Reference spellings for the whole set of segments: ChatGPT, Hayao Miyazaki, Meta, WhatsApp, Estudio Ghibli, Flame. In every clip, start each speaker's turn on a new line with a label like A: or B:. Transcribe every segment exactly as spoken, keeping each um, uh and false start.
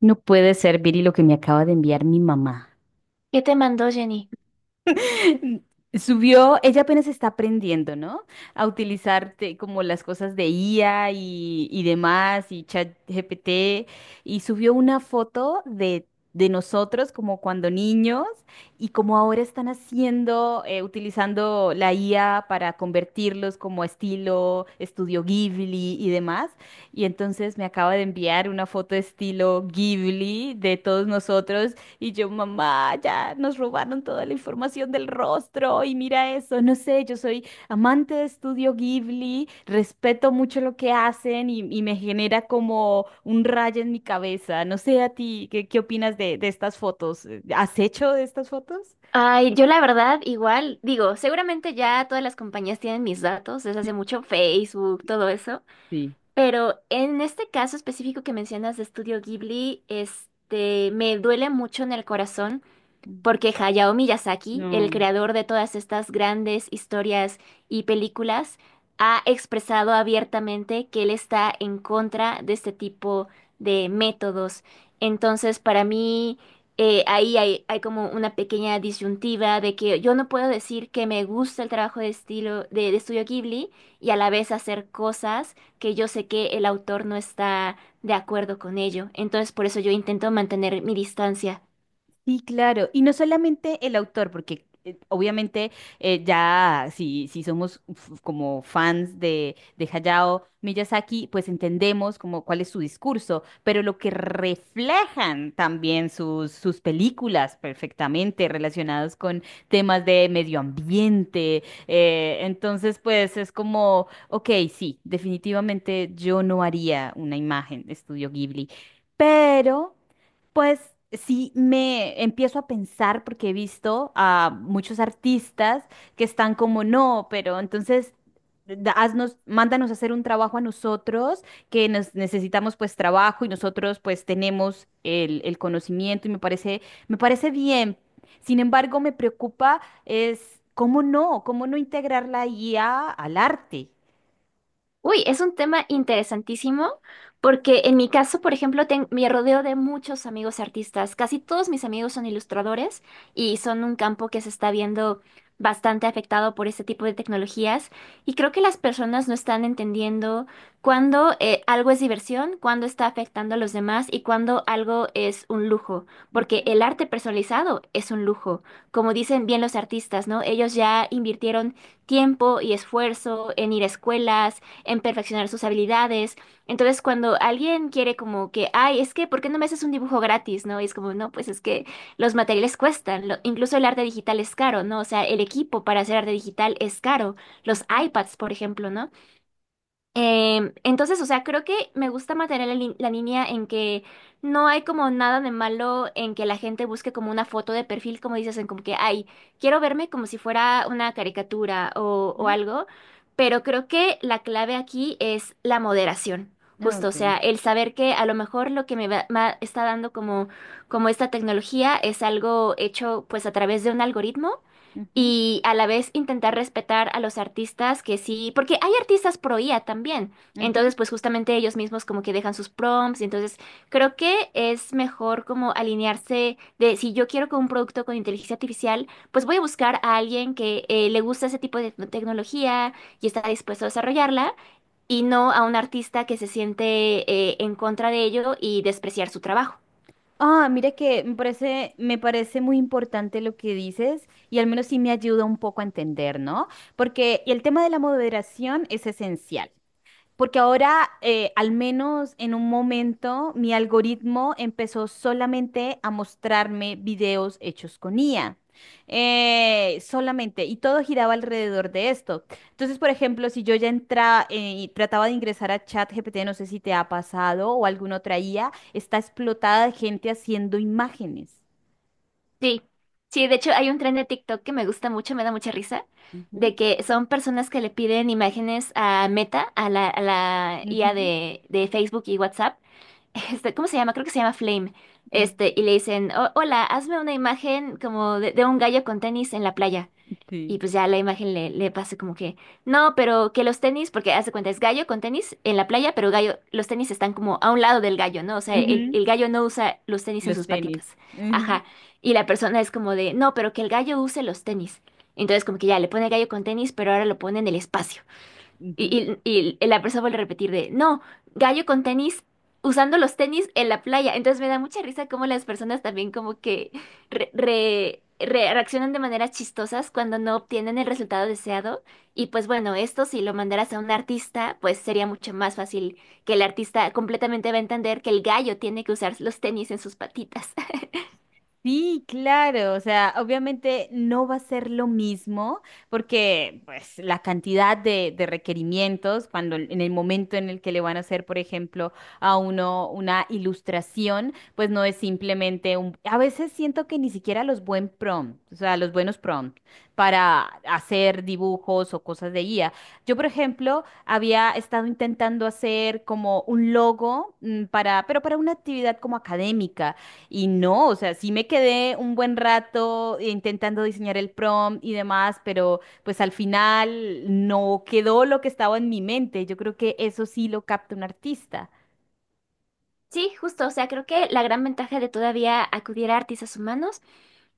A: No puede ser, Viri, lo que me acaba de enviar mi mamá.
B: ¿Qué te mandó Jenny?
A: Subió, ella apenas está aprendiendo, ¿no? A utilizar te- como las cosas de I A y, y demás, y ChatGPT, y subió una foto de, de nosotros como cuando niños, y como ahora están haciendo, eh, utilizando la I A para convertirlos como a estilo estudio Ghibli y demás. Y entonces me acaba de enviar una foto estilo Ghibli de todos nosotros y yo, mamá, ya nos robaron toda la información del rostro y mira eso, no sé, yo soy amante de Estudio Ghibli, respeto mucho lo que hacen y, y me genera como un rayo en mi cabeza. No sé a ti, ¿qué, qué opinas de, de estas fotos? ¿Has hecho de estas fotos?
B: Ay, yo la verdad igual, digo, seguramente ya todas las compañías tienen mis datos desde hace mucho, Facebook, todo eso,
A: Sí.
B: pero en este caso específico que mencionas de Estudio Ghibli, este, me duele mucho en el corazón porque Hayao Miyazaki, el
A: No.
B: creador de todas estas grandes historias y películas, ha expresado abiertamente que él está en contra de este tipo de métodos. Entonces, para mí, eh, ahí hay, hay como una pequeña disyuntiva de que yo no puedo decir que me gusta el trabajo de estilo de, de Estudio Ghibli y a la vez hacer cosas que yo sé que el autor no está de acuerdo con ello. Entonces, por eso yo intento mantener mi distancia.
A: Sí, claro. Y no solamente el autor, porque eh, obviamente eh, ya si, si somos f- como fans de, de Hayao Miyazaki, pues entendemos como cuál es su discurso, pero lo que reflejan también sus, sus películas perfectamente relacionados con temas de medio ambiente. Eh, entonces, pues es como, ok, sí, definitivamente yo no haría una imagen de Estudio Ghibli, pero... Pues sí, me empiezo a pensar porque he visto a muchos artistas que están como, no, pero entonces da- haznos, mándanos a hacer un trabajo a nosotros, que nos necesitamos pues trabajo y nosotros pues tenemos el, el conocimiento y me parece, me parece bien. Sin embargo, me preocupa es cómo no, cómo no integrar la I A al arte.
B: Uy, es un tema interesantísimo porque en mi caso, por ejemplo, ten- me rodeo de muchos amigos artistas. Casi todos mis amigos son ilustradores y son un campo que se está viendo bastante afectado por este tipo de tecnologías. Y creo que las personas no están entendiendo cuándo eh, algo es diversión, cuándo está afectando a los demás y cuándo algo es un lujo. Porque
A: Ujú,
B: el arte personalizado es un lujo. Como dicen bien los artistas, ¿no? Ellos ya invirtieron tiempo y esfuerzo en ir a escuelas en perfeccionar sus habilidades. Entonces, cuando alguien quiere como que, ay, es que, ¿por qué no me haces un dibujo gratis? ¿No? Y es como, no, pues es que los materiales cuestan, lo- incluso el arte digital es caro, ¿no? O sea, el equipo para hacer arte digital es caro, los
A: ujú,
B: iPads, por ejemplo, ¿no? Em, entonces, o sea, creo que me gusta mantener la, lin- la línea en que no hay como nada de malo en que la gente busque como una foto de perfil, como dices, en como que, ay, quiero verme como si fuera una caricatura o, o
A: ujú.
B: algo, pero creo que la clave aquí es la moderación, justo, o
A: Ok.
B: sea, el saber que a lo mejor lo que me, va- ma- está dando como, como esta tecnología es algo hecho pues a través de un algoritmo
A: Ujú,
B: y a la vez intentar respetar a los artistas que sí, porque hay artistas pro I A también, entonces
A: ujú.
B: pues justamente ellos mismos como que dejan sus prompts, y entonces creo que es mejor como alinearse de si yo quiero que un producto con inteligencia artificial, pues voy a buscar a alguien que eh, le gusta ese tipo de tec- tecnología y está dispuesto a desarrollarla y no a un artista que se siente eh, en contra de ello y despreciar su trabajo.
A: Ah, mira que me parece, me parece muy importante lo que dices y al menos sí me ayuda un poco a entender, ¿no? Porque el tema de la moderación es esencial. Porque ahora, eh, al menos en un momento, mi algoritmo empezó solamente a mostrarme videos hechos con I A. Eh, solamente, y todo giraba alrededor de esto. Entonces, por ejemplo, si yo ya entraba y trataba de ingresar a ChatGPT, no sé si te ha pasado o alguna otra I A, está explotada de gente haciendo imágenes.
B: Sí, sí, de hecho hay un tren de TikTok que me gusta mucho, me da mucha risa,
A: Ujú,
B: de que son personas que le piden imágenes a Meta, a la, a la I A
A: ujú,
B: de, de Facebook y WhatsApp. Este, ¿cómo se llama? Creo que se llama Flame.
A: mm,
B: Este, y le dicen: "Oh, hola, hazme una imagen como de, de un gallo con tenis en la playa".
A: sí.
B: Y pues ya la imagen le, le pasa como que, no, pero que los tenis, porque hace cuenta, es gallo con tenis en la playa, pero gallo, los tenis están como a un lado del gallo, ¿no? O sea, el,
A: Ujú,
B: el gallo no usa los tenis en
A: los
B: sus
A: tenis.
B: patitas.
A: Ujú,
B: Ajá. Y la persona es como de, no, pero que el gallo use los tenis. Entonces como que ya le pone gallo con tenis, pero ahora lo pone en el espacio.
A: ujú.
B: Y, y- y la persona vuelve a repetir de, no, gallo con tenis, usando los tenis en la playa. Entonces me da mucha risa cómo las personas también como que re- re- re- reaccionan de maneras chistosas cuando no obtienen el resultado deseado. Y pues bueno, esto si lo mandaras a un artista, pues sería mucho más fácil que el artista completamente va a entender que el gallo tiene que usar los tenis en sus patitas.
A: Sí, claro, o sea, obviamente no va a ser lo mismo porque pues la cantidad de, de requerimientos cuando en el momento en el que le van a hacer, por ejemplo, a uno una ilustración, pues no es simplemente un... A veces siento que ni siquiera los buen prompt, o sea, los buenos prompts para hacer dibujos o cosas de guía. Yo, por ejemplo, había estado intentando hacer como un logo mm, para, pero para una actividad como académica y no, o sea, sí me quedé un buen rato intentando diseñar el prompt y demás, pero pues al final no quedó lo que estaba en mi mente. Yo creo que eso sí lo capta un artista.
B: Sí, justo, o sea, creo que la gran ventaja de todavía acudir a artistas humanos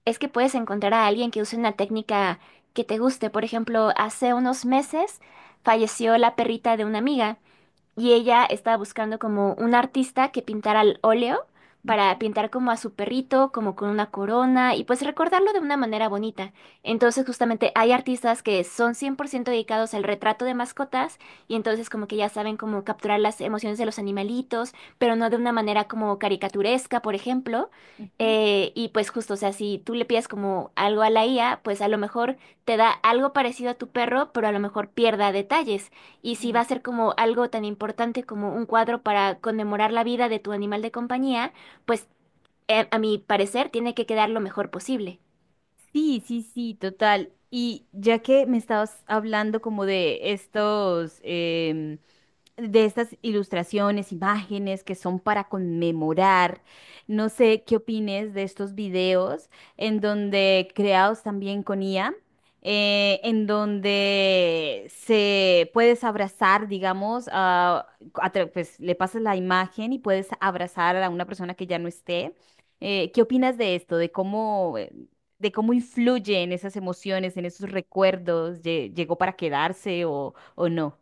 B: es que puedes encontrar a alguien que use una técnica que te guste. Por ejemplo, hace unos meses falleció la perrita de una amiga y ella estaba buscando como un artista que pintara al óleo
A: Ujú,
B: para pintar como a su perrito, como con una corona y pues recordarlo de una manera bonita. Entonces justamente hay artistas que son cien por ciento dedicados al retrato de mascotas y entonces como que ya saben cómo capturar las emociones de los animalitos, pero no de una manera como caricaturesca, por ejemplo.
A: ujú,
B: Eh, y pues justo, o sea, si tú le pides como algo a la I A, pues a lo mejor te da algo parecido a tu perro, pero a lo mejor pierda detalles y si va
A: mm.
B: a ser como algo tan importante como un cuadro para conmemorar la vida de tu animal de compañía, pues eh, a mi parecer tiene que quedar lo mejor posible.
A: Sí, sí, sí, total. Y ya que me estabas hablando como de estos, em, de estas ilustraciones, imágenes que son para conmemorar. No sé qué opines de estos videos en donde creados también con I A, eh, en donde se puedes abrazar, digamos, a, a tra- pues le pasas la imagen y puedes abrazar a una persona que ya no esté. Eh, ¿qué opinas de esto? De cómo eh, de cómo influye en esas emociones, en esos recuerdos. Lle- llegó para quedarse o, o no.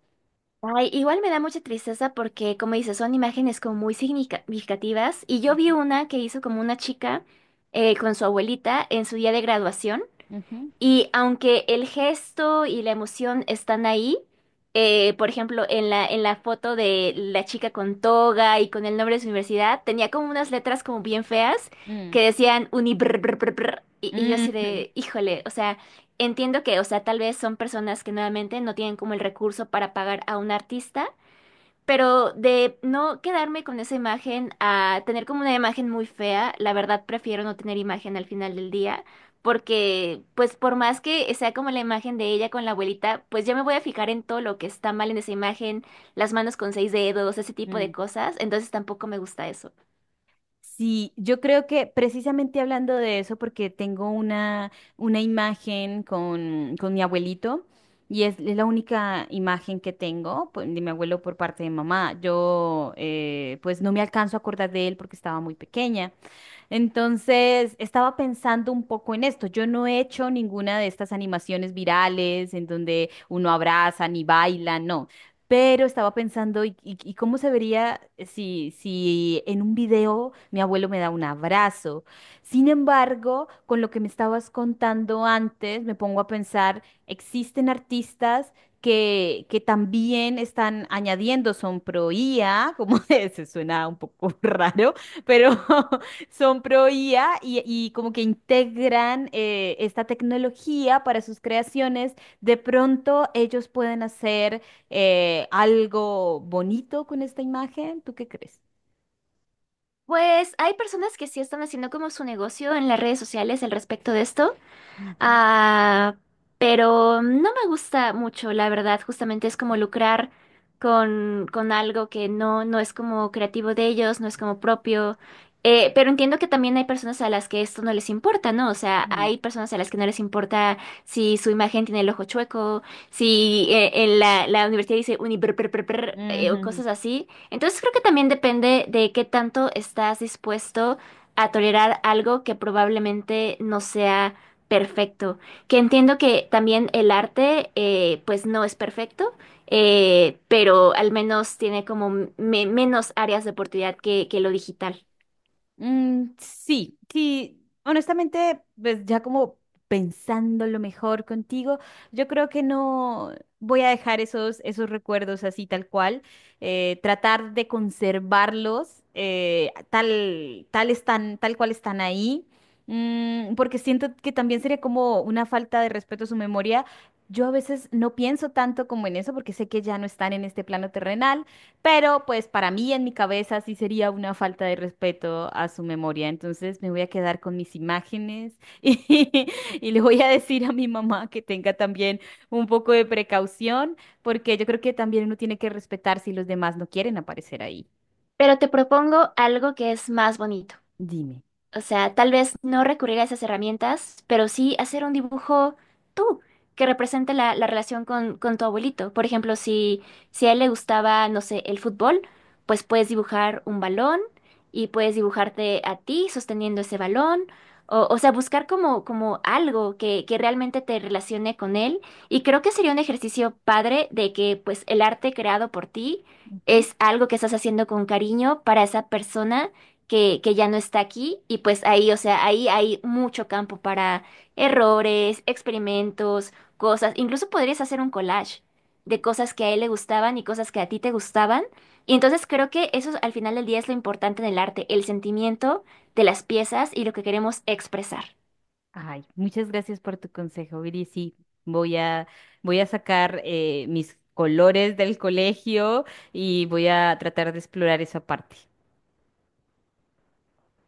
B: Ay, igual me da mucha tristeza porque, como dices, son imágenes como muy significativas. Y yo vi una que hizo como una chica eh, con su abuelita en su día de graduación.
A: Ujú.
B: Y aunque el gesto y la emoción están ahí, eh, por ejemplo, en la, en la foto de la chica con toga y con el nombre de su universidad, tenía como unas letras como bien feas
A: Mm,
B: que decían uni brr, brr, brr, brr, y, y yo así
A: mm,
B: de, híjole, o sea, entiendo que, o sea, tal vez son personas que nuevamente no tienen como el recurso para pagar a un artista pero de no quedarme con esa imagen a tener como una imagen muy fea, la verdad prefiero no tener imagen al final del día, porque pues por más que sea como la imagen de ella con la abuelita, pues ya me voy a fijar en todo lo que está mal en esa imagen, las manos con seis dedos, ese tipo de
A: mm.
B: cosas, entonces tampoco me gusta eso.
A: Sí, yo creo que precisamente hablando de eso, porque tengo una, una imagen con, con mi abuelito y es, es la única imagen que tengo pues, de mi abuelo por parte de mamá. Yo eh, pues no me alcanzo a acordar de él porque estaba muy pequeña. Entonces, estaba pensando un poco en esto. Yo no he hecho ninguna de estas animaciones virales en donde uno abraza ni baila, no. Pero estaba pensando, ¿y, y- y cómo se vería si, si en un video mi abuelo me da un abrazo? Sin embargo, con lo que me estabas contando antes, me pongo a pensar, existen artistas que, que también están añadiendo son pro I A, como se suena un poco raro, pero son pro I A y, y como que integran eh, esta tecnología para sus creaciones. De pronto ellos pueden hacer eh, algo bonito con esta imagen. ¿Tú qué crees?
B: Pues hay personas que sí están haciendo como su negocio en las redes sociales al respecto de esto.
A: Ujú.
B: Ah, pero no me gusta mucho, la verdad. Justamente es como lucrar con, con algo que no, no es como creativo de ellos, no es como propio. Eh, pero entiendo que también hay personas a las que esto no les importa, ¿no? O sea, hay personas a las que no les importa si su imagen tiene el ojo chueco, si eh, en la, la universidad dice uniper o
A: Ujú.
B: cosas así. Entonces creo que también depende de qué tanto estás dispuesto a tolerar algo que probablemente no sea perfecto. Que entiendo que también el arte, eh, pues no es perfecto, eh, pero al menos tiene como me- menos áreas de oportunidad que, que lo digital.
A: Mm, sí, sí, honestamente, pues ya como pensando lo mejor contigo, yo creo que no voy a dejar esos, esos recuerdos así tal cual, eh, tratar de conservarlos eh, tal, tal están, tal cual están ahí, mm, porque siento que también sería como una falta de respeto a su memoria. Yo a veces no pienso tanto como en eso porque sé que ya no están en este plano terrenal. Pero pues para mí en mi cabeza sí sería una falta de respeto a su memoria. Entonces me voy a quedar con mis imágenes y, y le voy a decir a mi mamá que tenga también un poco de precaución, porque yo creo que también uno tiene que respetar si los demás no quieren aparecer ahí.
B: Pero te propongo algo que es más bonito.
A: Dime.
B: O sea, tal vez no recurrir a esas herramientas, pero sí hacer un dibujo tú, que represente la, la relación con, con tu abuelito. Por ejemplo, si, si a él le gustaba, no sé, el fútbol, pues puedes dibujar un balón y puedes dibujarte a ti sosteniendo ese balón. O, o sea, buscar como, como algo que, que realmente te relacione con él. Y creo que sería un ejercicio padre de que pues el arte creado por ti
A: Ujú.
B: es algo que estás haciendo con cariño para esa persona que, que ya no está aquí y pues ahí, o sea, ahí hay mucho campo para errores, experimentos, cosas. Incluso podrías hacer un collage de cosas que a él le gustaban y cosas que a ti te gustaban. Y entonces creo que eso al final del día es lo importante en el arte, el sentimiento de las piezas y lo que queremos expresar.
A: Ay, muchas gracias por tu consejo, Viri. Sí, voy a, voy a sacar eh, mis colores del colegio y voy a tratar de explorar esa parte.